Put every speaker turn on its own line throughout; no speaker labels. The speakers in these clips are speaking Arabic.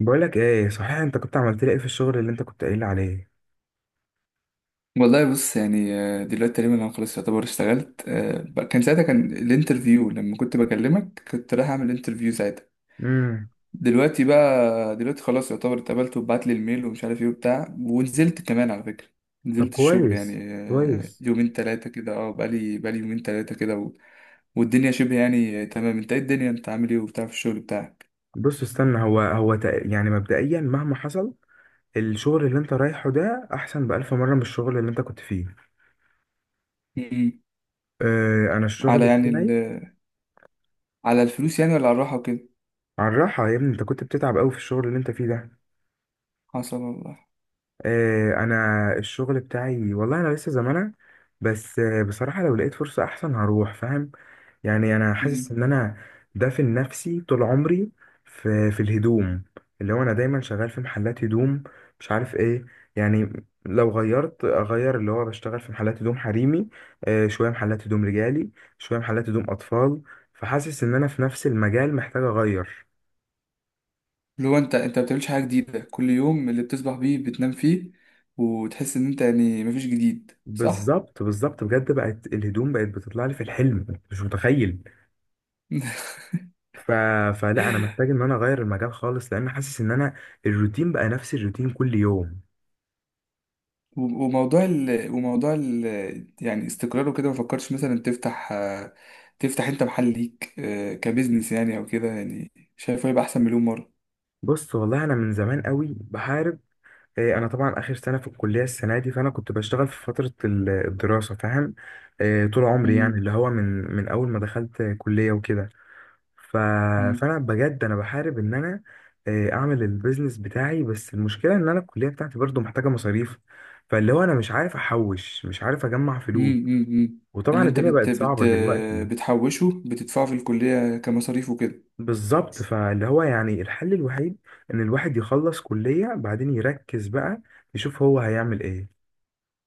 بقولك ايه، صحيح انت كنت عملت لي ايه في الشغل اللي انت كنت قايل لي عليه؟
والله بص يعني دلوقتي تقريبا انا خلاص يعتبر اشتغلت كان ساعتها كان الانترفيو لما كنت بكلمك كنت رايح اعمل انترفيو ساعتها.
امم.
دلوقتي بقى دلوقتي خلاص يعتبر اتقبلت وبعت لي الميل ومش عارف ايه وبتاع ونزلت كمان على فكرة.
طب
نزلت الشغل
كويس،
يعني
كويس.
يومين تلاتة كده بقالي يومين تلاتة كده والدنيا شبه يعني تمام. انت ايه الدنيا، انت عامل ايه وبتاع في الشغل بتاعك؟
بص، استنى، يعني مبدئيا مهما حصل، الشغل اللي انت رايحه ده احسن بألف مرة من الشغل اللي انت كنت فيه.
مم.
اه، انا الشغل
على يعني ال...
بتاعي.
على الفلوس يعني ولا على الراحة وكده؟
على الراحة يا ابني، انت كنت بتتعب قوي في الشغل اللي انت فيه ده.
حصل والله.
آه، انا الشغل بتاعي والله. انا لسه زمانه، بس بصراحه لو لقيت فرصه احسن هروح، فاهم؟ يعني انا حاسس ان انا دافن نفسي طول عمري في الهدوم، اللي هو انا دايما شغال في محلات هدوم، مش عارف ايه، يعني. لو غيرت اغير، اللي هو بشتغل في محلات هدوم حريمي، شويه محلات هدوم رجالي، شويه محلات هدوم اطفال. فحاسس ان انا في نفس المجال محتاج اغير.
اللي هو انت ما بتعملش حاجه جديده، كل يوم اللي بتصبح بيه بتنام فيه وتحس ان انت يعني مفيش جديد، صح؟
بالظبط، بالظبط، بجد بقت الهدوم بقت بتطلع لي في الحلم، مش متخيل. ف... فلا، انا محتاج ان انا اغير المجال خالص، لان حاسس ان انا الروتين بقى نفس الروتين كل يوم.
و- وموضوع ال... وموضوع ال... يعني استقرار وكده، ما فكرتش مثلا تفتح تفتح انت محل ليك كبزنس يعني او كده؟ يعني شايفه يبقى احسن مليون مره.
بص، والله انا من زمان قوي بحارب. إيه، انا طبعا اخر سنه في الكليه السنه دي، فانا كنت بشتغل في فتره الدراسه، فاهم؟ إيه، طول عمري
مم.
يعني اللي هو من اول ما دخلت كليه وكده. ف...
مم.
فانا بجد انا بحارب ان انا إيه، اعمل البيزنس بتاعي، بس المشكله ان انا الكليه بتاعتي برضو محتاجه مصاريف. فاللي هو انا مش عارف احوش، مش عارف اجمع
مم.
فلوس.
مم. مم. اللي
وطبعا
انت
الدنيا
بت...
بقت
بت...
صعبه دلوقتي.
بتحوشه بتدفعه في الكليه كمصاريف وكده؟
بالظبط، فاللي هو يعني الحل الوحيد ان الواحد يخلص كلية، بعدين يركز بقى يشوف هو هيعمل ايه،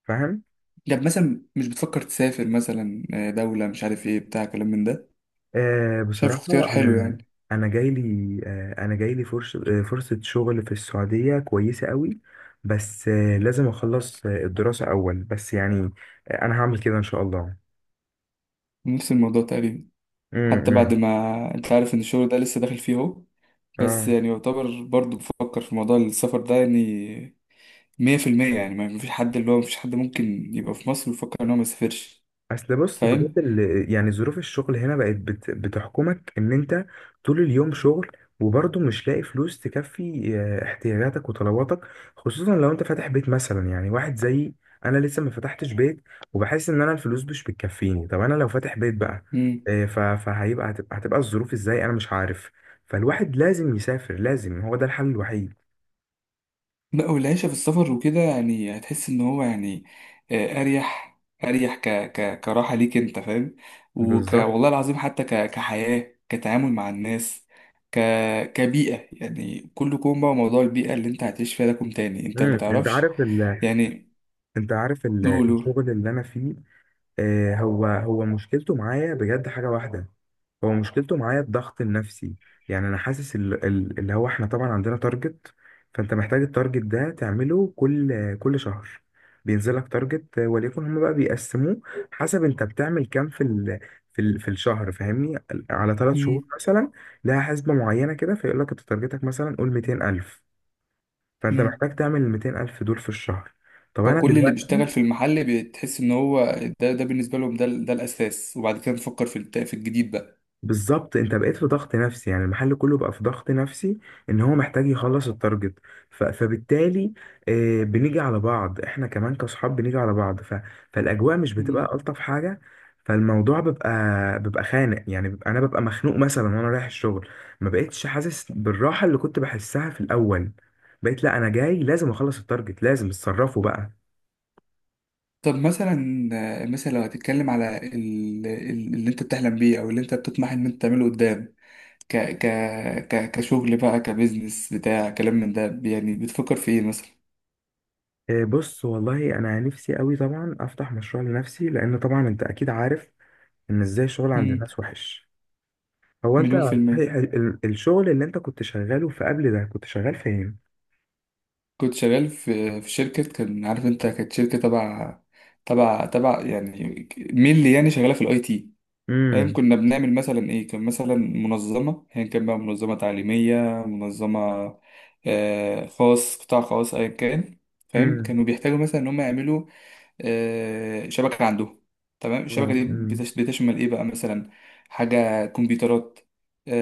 فاهم؟
طب مثلا مش بتفكر تسافر مثلا دولة مش عارف ايه بتاع كلام من ده؟
آه،
شايف اختيار
بصراحة
حلو
انا،
يعني.
انا جاي لي آه انا جاي لي فرصة، فرصة شغل في السعودية كويسة قوي. بس لازم اخلص الدراسة اول، بس يعني انا هعمل كده ان شاء الله.
نفس الموضوع تقريبا.
امم،
حتى بعد
إمم.
ما انت عارف ان الشغل ده لسه داخل فيه اهو، بس
اه.
يعني يعتبر برضو بفكر في موضوع السفر ده يعني. مية في المية يعني ما فيش حد اللي هو مفيش حد ممكن يبقى في مصر ويفكر ان هو ما يسافرش.
اصل بص، بجد
فاهم؟
يعني ظروف الشغل هنا بقت بتحكمك ان انت طول اليوم شغل، وبرضه مش لاقي فلوس تكفي احتياجاتك وطلباتك، خصوصا لو انت فاتح بيت مثلا، يعني واحد زيي. انا لسه ما فتحتش بيت، وبحس ان انا الفلوس مش بتكفيني. طب انا لو فاتح بيت بقى، فهيبقى هتبقى هتبقى الظروف ازاي انا مش عارف. فالواحد لازم يسافر، لازم، هو ده الحل الوحيد.
لا، والعيشة في السفر وكده يعني هتحس ان هو يعني اريح. ك ك كراحة ليك انت، فاهم.
بالظبط.
والله العظيم حتى كحياة، كتعامل مع الناس، ك كبيئة يعني. كله كوم بقى موضوع البيئة اللي انت هتعيش فيها ده كوم تاني، انت ما
مم. انت
تعرفش
عارف ال...
يعني.
انت عارف ال...
قولوا.
الشغل اللي انا فيه، هو مشكلته معايا بجد حاجة واحدة. هو مشكلته معايا الضغط النفسي. يعني أنا حاسس اللي هو إحنا طبعا عندنا تارجت، فأنت محتاج التارجت ده تعمله كل شهر. بينزلك تارجت، وليكن هما بقى بيقسموه حسب أنت بتعمل كام، في الشهر، فاهمني؟ على ثلاث
مم،
شهور مثلا لها حسبة معينة كده، فيقول لك أنت تارجتك مثلا قول 200 ألف، فأنت
مم.
محتاج تعمل ال 200 ألف دول في الشهر. طب أنا
فكل اللي
دلوقتي
بيشتغل في المحل بتحس ان هو ده، بالنسبة لهم ده الاساس، وبعد كده نفكر في الجديد بقى.
بالظبط، انت بقيت في ضغط نفسي، يعني المحل كله بقى في ضغط نفسي ان هو محتاج يخلص التارجت. فبالتالي بنيجي على بعض احنا كمان كصحاب، بنيجي على بعض. فالاجواء مش بتبقى الطف حاجه. فالموضوع بيبقى خانق، يعني بيبقى انا ببقى مخنوق مثلا وانا رايح الشغل. ما بقتش حاسس بالراحه اللي كنت بحسها في الاول. بقيت لا، انا جاي لازم اخلص التارجت، لازم اتصرفوا بقى.
طب مثلا، مثلا لو هتتكلم على اللي انت بتحلم بيه او اللي انت بتطمح ان انت تعمله قدام، ك ك ك كشغل بقى، كبزنس، بتاع كلام من ده، يعني بتفكر في ايه مثلا؟
بص والله، انا نفسي قوي طبعا افتح مشروع لنفسي، لان طبعا انت اكيد عارف ان ازاي الشغل عند
مم.
الناس وحش. هو انت،
مليون في المية.
صحيح الشغل اللي انت كنت شغاله في قبل ده، كنت شغال فين؟
كنت شغال في شركة، كان عارف انت كانت شركة تبع تبع يعني مينلي، يعني شغالة في الاي تي. فاهم؟
امم.
كنا بنعمل مثلا ايه، كان مثلا منظمة ايا كان بقى، منظمة تعليمية، منظمة خاص، قطاع خاص، ايا كان. فاهم؟
امم.
كانوا بيحتاجوا مثلا ان هم يعملوا شبكة عندهم. تمام. الشبكة
اه.
دي
امم.
بتشمل ايه بقى مثلا؟ حاجة كمبيوترات،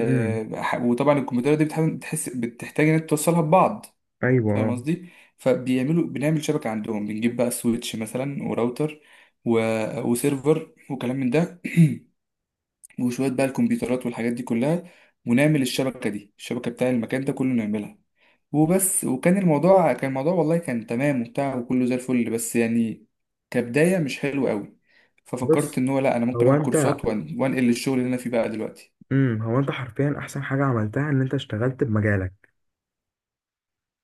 امم.
ح- وطبعا الكمبيوترات دي بتحس بتحتاج ان انت توصلها ببعض.
ايوه،
فاهم
آه.
قصدي؟ فبيعملوا، بنعمل شبكة عندهم، بنجيب بقى سويتش مثلا، وراوتر، و... وسيرفر وكلام من ده، وشوية بقى الكمبيوترات والحاجات دي كلها، ونعمل الشبكة دي، الشبكة بتاع المكان ده كله نعملها، وبس. وكان الموضوع، كان الموضوع والله كان تمام وبتاع وكله زي الفل، بس يعني كبداية مش حلو قوي. ففكرت
بص.
ان هو لا، انا ممكن
هو
اخد كورسات
انت.
وانقل للشغل اللي انا فيه بقى دلوقتي.
امم، هو انت حرفيا احسن حاجه عملتها ان انت اشتغلت بمجالك،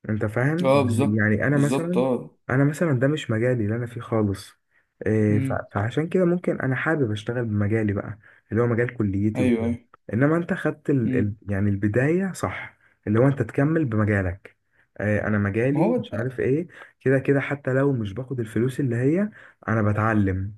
انت فاهم؟
اه
يعني
بالظبط
يعني
بالظبط اه.
انا مثلا ده مش مجالي اللي انا فيه خالص. إيه،
امم.
فعشان كده ممكن انا حابب اشتغل بمجالي بقى، اللي هو مجال كليتي
ايوه
وكده.
ايوه.
انما انت خدت
امم.
يعني البداية صح، اللي هو انت تكمل بمجالك. إيه، انا
ما
مجالي
هو
مش عارف ايه، كده كده، حتى لو مش باخد الفلوس اللي هي، انا بتعلم.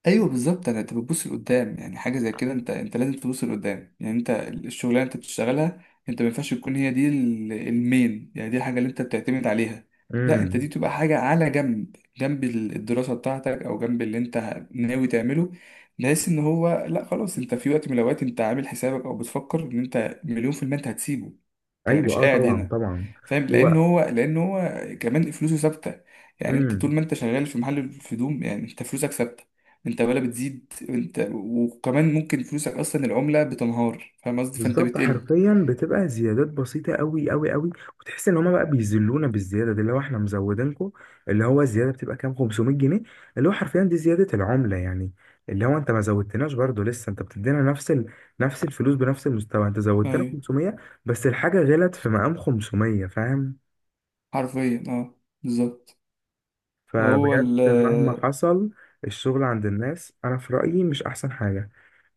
ايوه بالظبط. انا، انت بتبص لقدام، يعني حاجه زي كده انت، انت لازم تبص لقدام. يعني انت الشغلانه انت بتشتغلها، انت ما ينفعش تكون هي دي المين، يعني دي الحاجه اللي انت بتعتمد عليها. لا، انت
امم.
دي تبقى حاجه على جنب، جنب الدراسه بتاعتك او جنب اللي انت ناوي تعمله، بحيث ان هو لا خلاص، انت في وقت من الاوقات انت عامل حسابك او بتفكر ان انت مليون في المية انت هتسيبه، انت مش
ايوه، اه،
قاعد
طبعا،
هنا.
طبعا.
فاهم؟ لان
هو.
هو، لان هو كمان فلوسه ثابته. يعني انت
إمم.
طول ما انت شغال في محل الهدوم يعني انت فلوسك ثابته، انت ولا بتزيد، انت وكمان ممكن فلوسك اصلا العملة بتنهار، فاهم قصدي؟ فانت
بالظبط،
بتقل.
حرفيا بتبقى زيادات بسيطة قوي قوي قوي. وتحس ان هما بقى بيذلونا بالزيادة دي، اللي هو احنا مزودينكم. اللي هو الزيادة بتبقى كام؟ 500 جنيه، اللي هو حرفيا دي زيادة العملة يعني. اللي هو انت ما زودتناش، برضو لسه انت بتدينا نفس نفس الفلوس بنفس المستوى، انت زودتنا
ايوه
500، بس الحاجة غلت في مقام 500، فاهم؟
حرفيا اه، بالظبط. وهو
فبجد
ال
مهما حصل، الشغل عند الناس، انا في رأيي، مش احسن حاجة.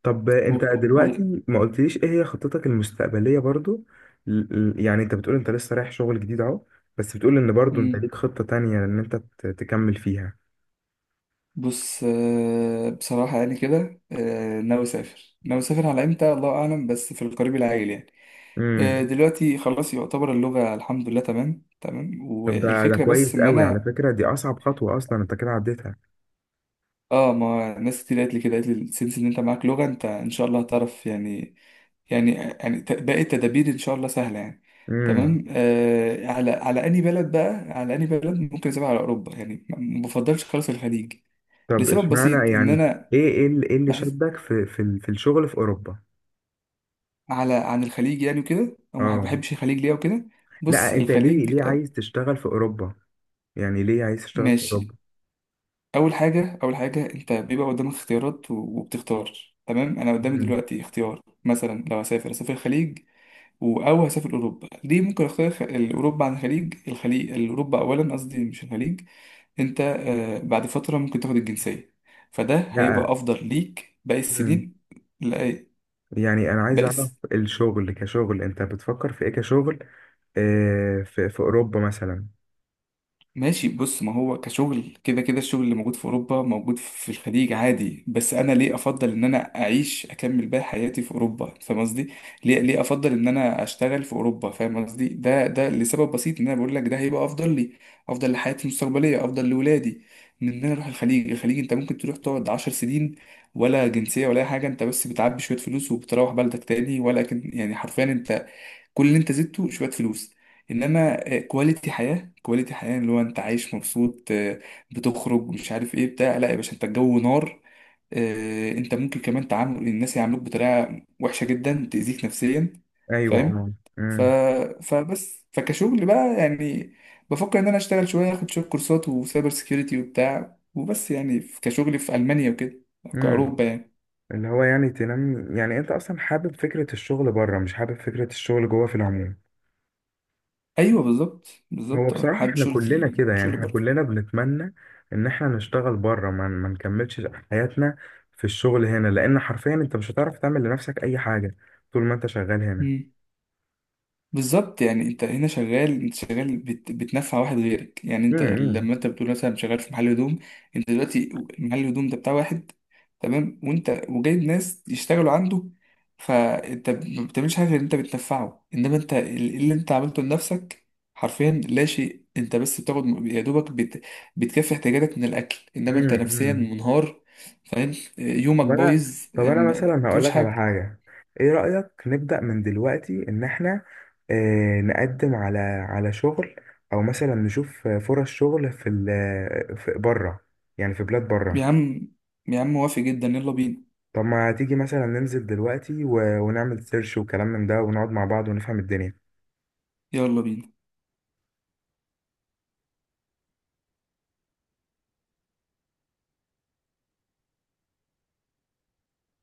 طب
و...
انت
و...
دلوقتي ما قلتليش ايه هي خطتك المستقبلية برضو؟ ل- يعني انت بتقول انت لسه رايح شغل جديد اهو، بس بتقول ان برضو انت
مم.
ليك خطة تانية ان انت تكمل فيها.
بص بصراحة يعني كده ناوي أسافر، ناوي أسافر على إمتى الله أعلم، بس في القريب العاجل يعني.
امم.
دلوقتي خلاص يعتبر اللغة الحمد لله تمام تمام،
طب ده
والفكرة بس
كويس
إن
قوي على
أنا
فكرة، دي اصعب خطوة اصلا انت كده عديتها.
ما ناس كتير قالت لي كده، قالت لي السنس إن أنت معاك لغة، أنت إن شاء الله هتعرف يعني، يعني يعني باقي التدابير ان شاء الله سهله يعني.
امم.
تمام على على اني بلد بقى، على اني بلد ممكن اسيبها على اوروبا يعني. ما بفضلش خالص الخليج
طب
لسبب
اشمعنى
بسيط، ان
يعني؟
انا
إيه اللي
بحس
شدك في الشغل في اوروبا؟
على عن الخليج يعني وكده، او ما
اه.
بحبش الخليج ليه وكده.
لا،
بص
انت ليه،
الخليج
ليه عايز تشتغل في اوروبا؟ يعني ليه عايز تشتغل في
ماشي.
اوروبا؟
اول حاجه، اول حاجه انت بيبقى قدامك اختيارات وبتختار. تمام، انا قدامي
امم.
دلوقتي اختيار مثلا لو هسافر اسافر الخليج او هسافر اوروبا. ليه ممكن اختار اوروبا عن الخليج، الخليج اوروبا اولا قصدي مش الخليج؟ انت بعد فترة ممكن تاخد الجنسية، فده هيبقى افضل ليك باقي
لا،
السنين. لا
يعني انا عايز
باقي
اعرف الشغل كشغل، انت بتفكر في ايه كشغل في اوروبا مثلا؟
ماشي. بص ما هو كشغل، كده كده الشغل اللي موجود في أوروبا موجود في الخليج عادي، بس أنا ليه أفضل إن أنا أعيش أكمل بقى حياتي في أوروبا؟ فاهم قصدي؟ ليه، ليه أفضل إن أنا أشتغل في أوروبا؟ فاهم قصدي؟ ده، ده لسبب بسيط، إن أنا بقول لك ده هيبقى أفضل لي، أفضل لحياتي المستقبلية، أفضل لولادي، من إن أنا أروح الخليج. الخليج أنت ممكن تروح تقعد 10 سنين ولا جنسية ولا أي حاجة، أنت بس بتعبي شوية فلوس وبتروح بلدك تاني ولا كن، يعني حرفيا أنت كل اللي انت زدته شويه فلوس. انما كواليتي حياه، اللي هو انت عايش مبسوط، بتخرج مش عارف ايه بتاع، لا يا باشا انت الجو نار. انت ممكن كمان تعامل، الناس يعاملوك بطريقه وحشه جدا تاذيك نفسيا.
ايوه، اه.
فاهم؟ ف...
امم.
فبس، فكشغل بقى يعني بفكر ان انا اشتغل شويه، اخد شويه كورسات وسايبر سيكيورتي وبتاع، وبس يعني كشغل في المانيا وكده، أو
امم.
كاوروبا يعني.
اللي هو يعني تنام، يعني انت اصلا حابب فكرة الشغل بره، مش حابب فكرة الشغل جوه في العموم.
ايوه بالظبط
هو
بالظبط اه،
بصراحة
حابب
احنا كلنا
شغلي
كده، يعني
شغل
احنا كلنا بنتمنى ان احنا نشتغل بره، ما نكملش حياتنا في الشغل هنا، لان حرفيا انت مش هتعرف تعمل لنفسك اي حاجة طول ما انت شغال هنا.
بره. بالظبط يعني انت هنا شغال، انت شغال بتنفع واحد غيرك. يعني انت
امم.
لما انت بتقول مثلا شغال في محل هدوم، انت دلوقتي محل الهدوم ده بتاع واحد تمام، وانت وجايب ناس يشتغلوا عنده، فانت ما بتعملش حاجه غير ان انت بتنفعه. انما انت إيه اللي انت عملته لنفسك؟ حرفيا لا شيء. انت بس بتاخد يا دوبك بتكفي احتياجاتك من الاكل، انما انت نفسيا
امم.
منهار. فاهم؟ يومك
طب انا
بايظ
طب انا
ما
مثلا هقول
بتعملش
لك على
حاجه.
حاجه، ايه رايك نبدا من دلوقتي ان احنا نقدم على، على شغل، او مثلا نشوف فرص شغل في بره؟ يعني في بلاد
يا
بره.
عم، يا عم موافق جدا يلا بينا،
طب ما تيجي مثلا ننزل دلوقتي ونعمل سيرش وكلام من ده، ونقعد مع بعض ونفهم الدنيا؟
يلا بينا.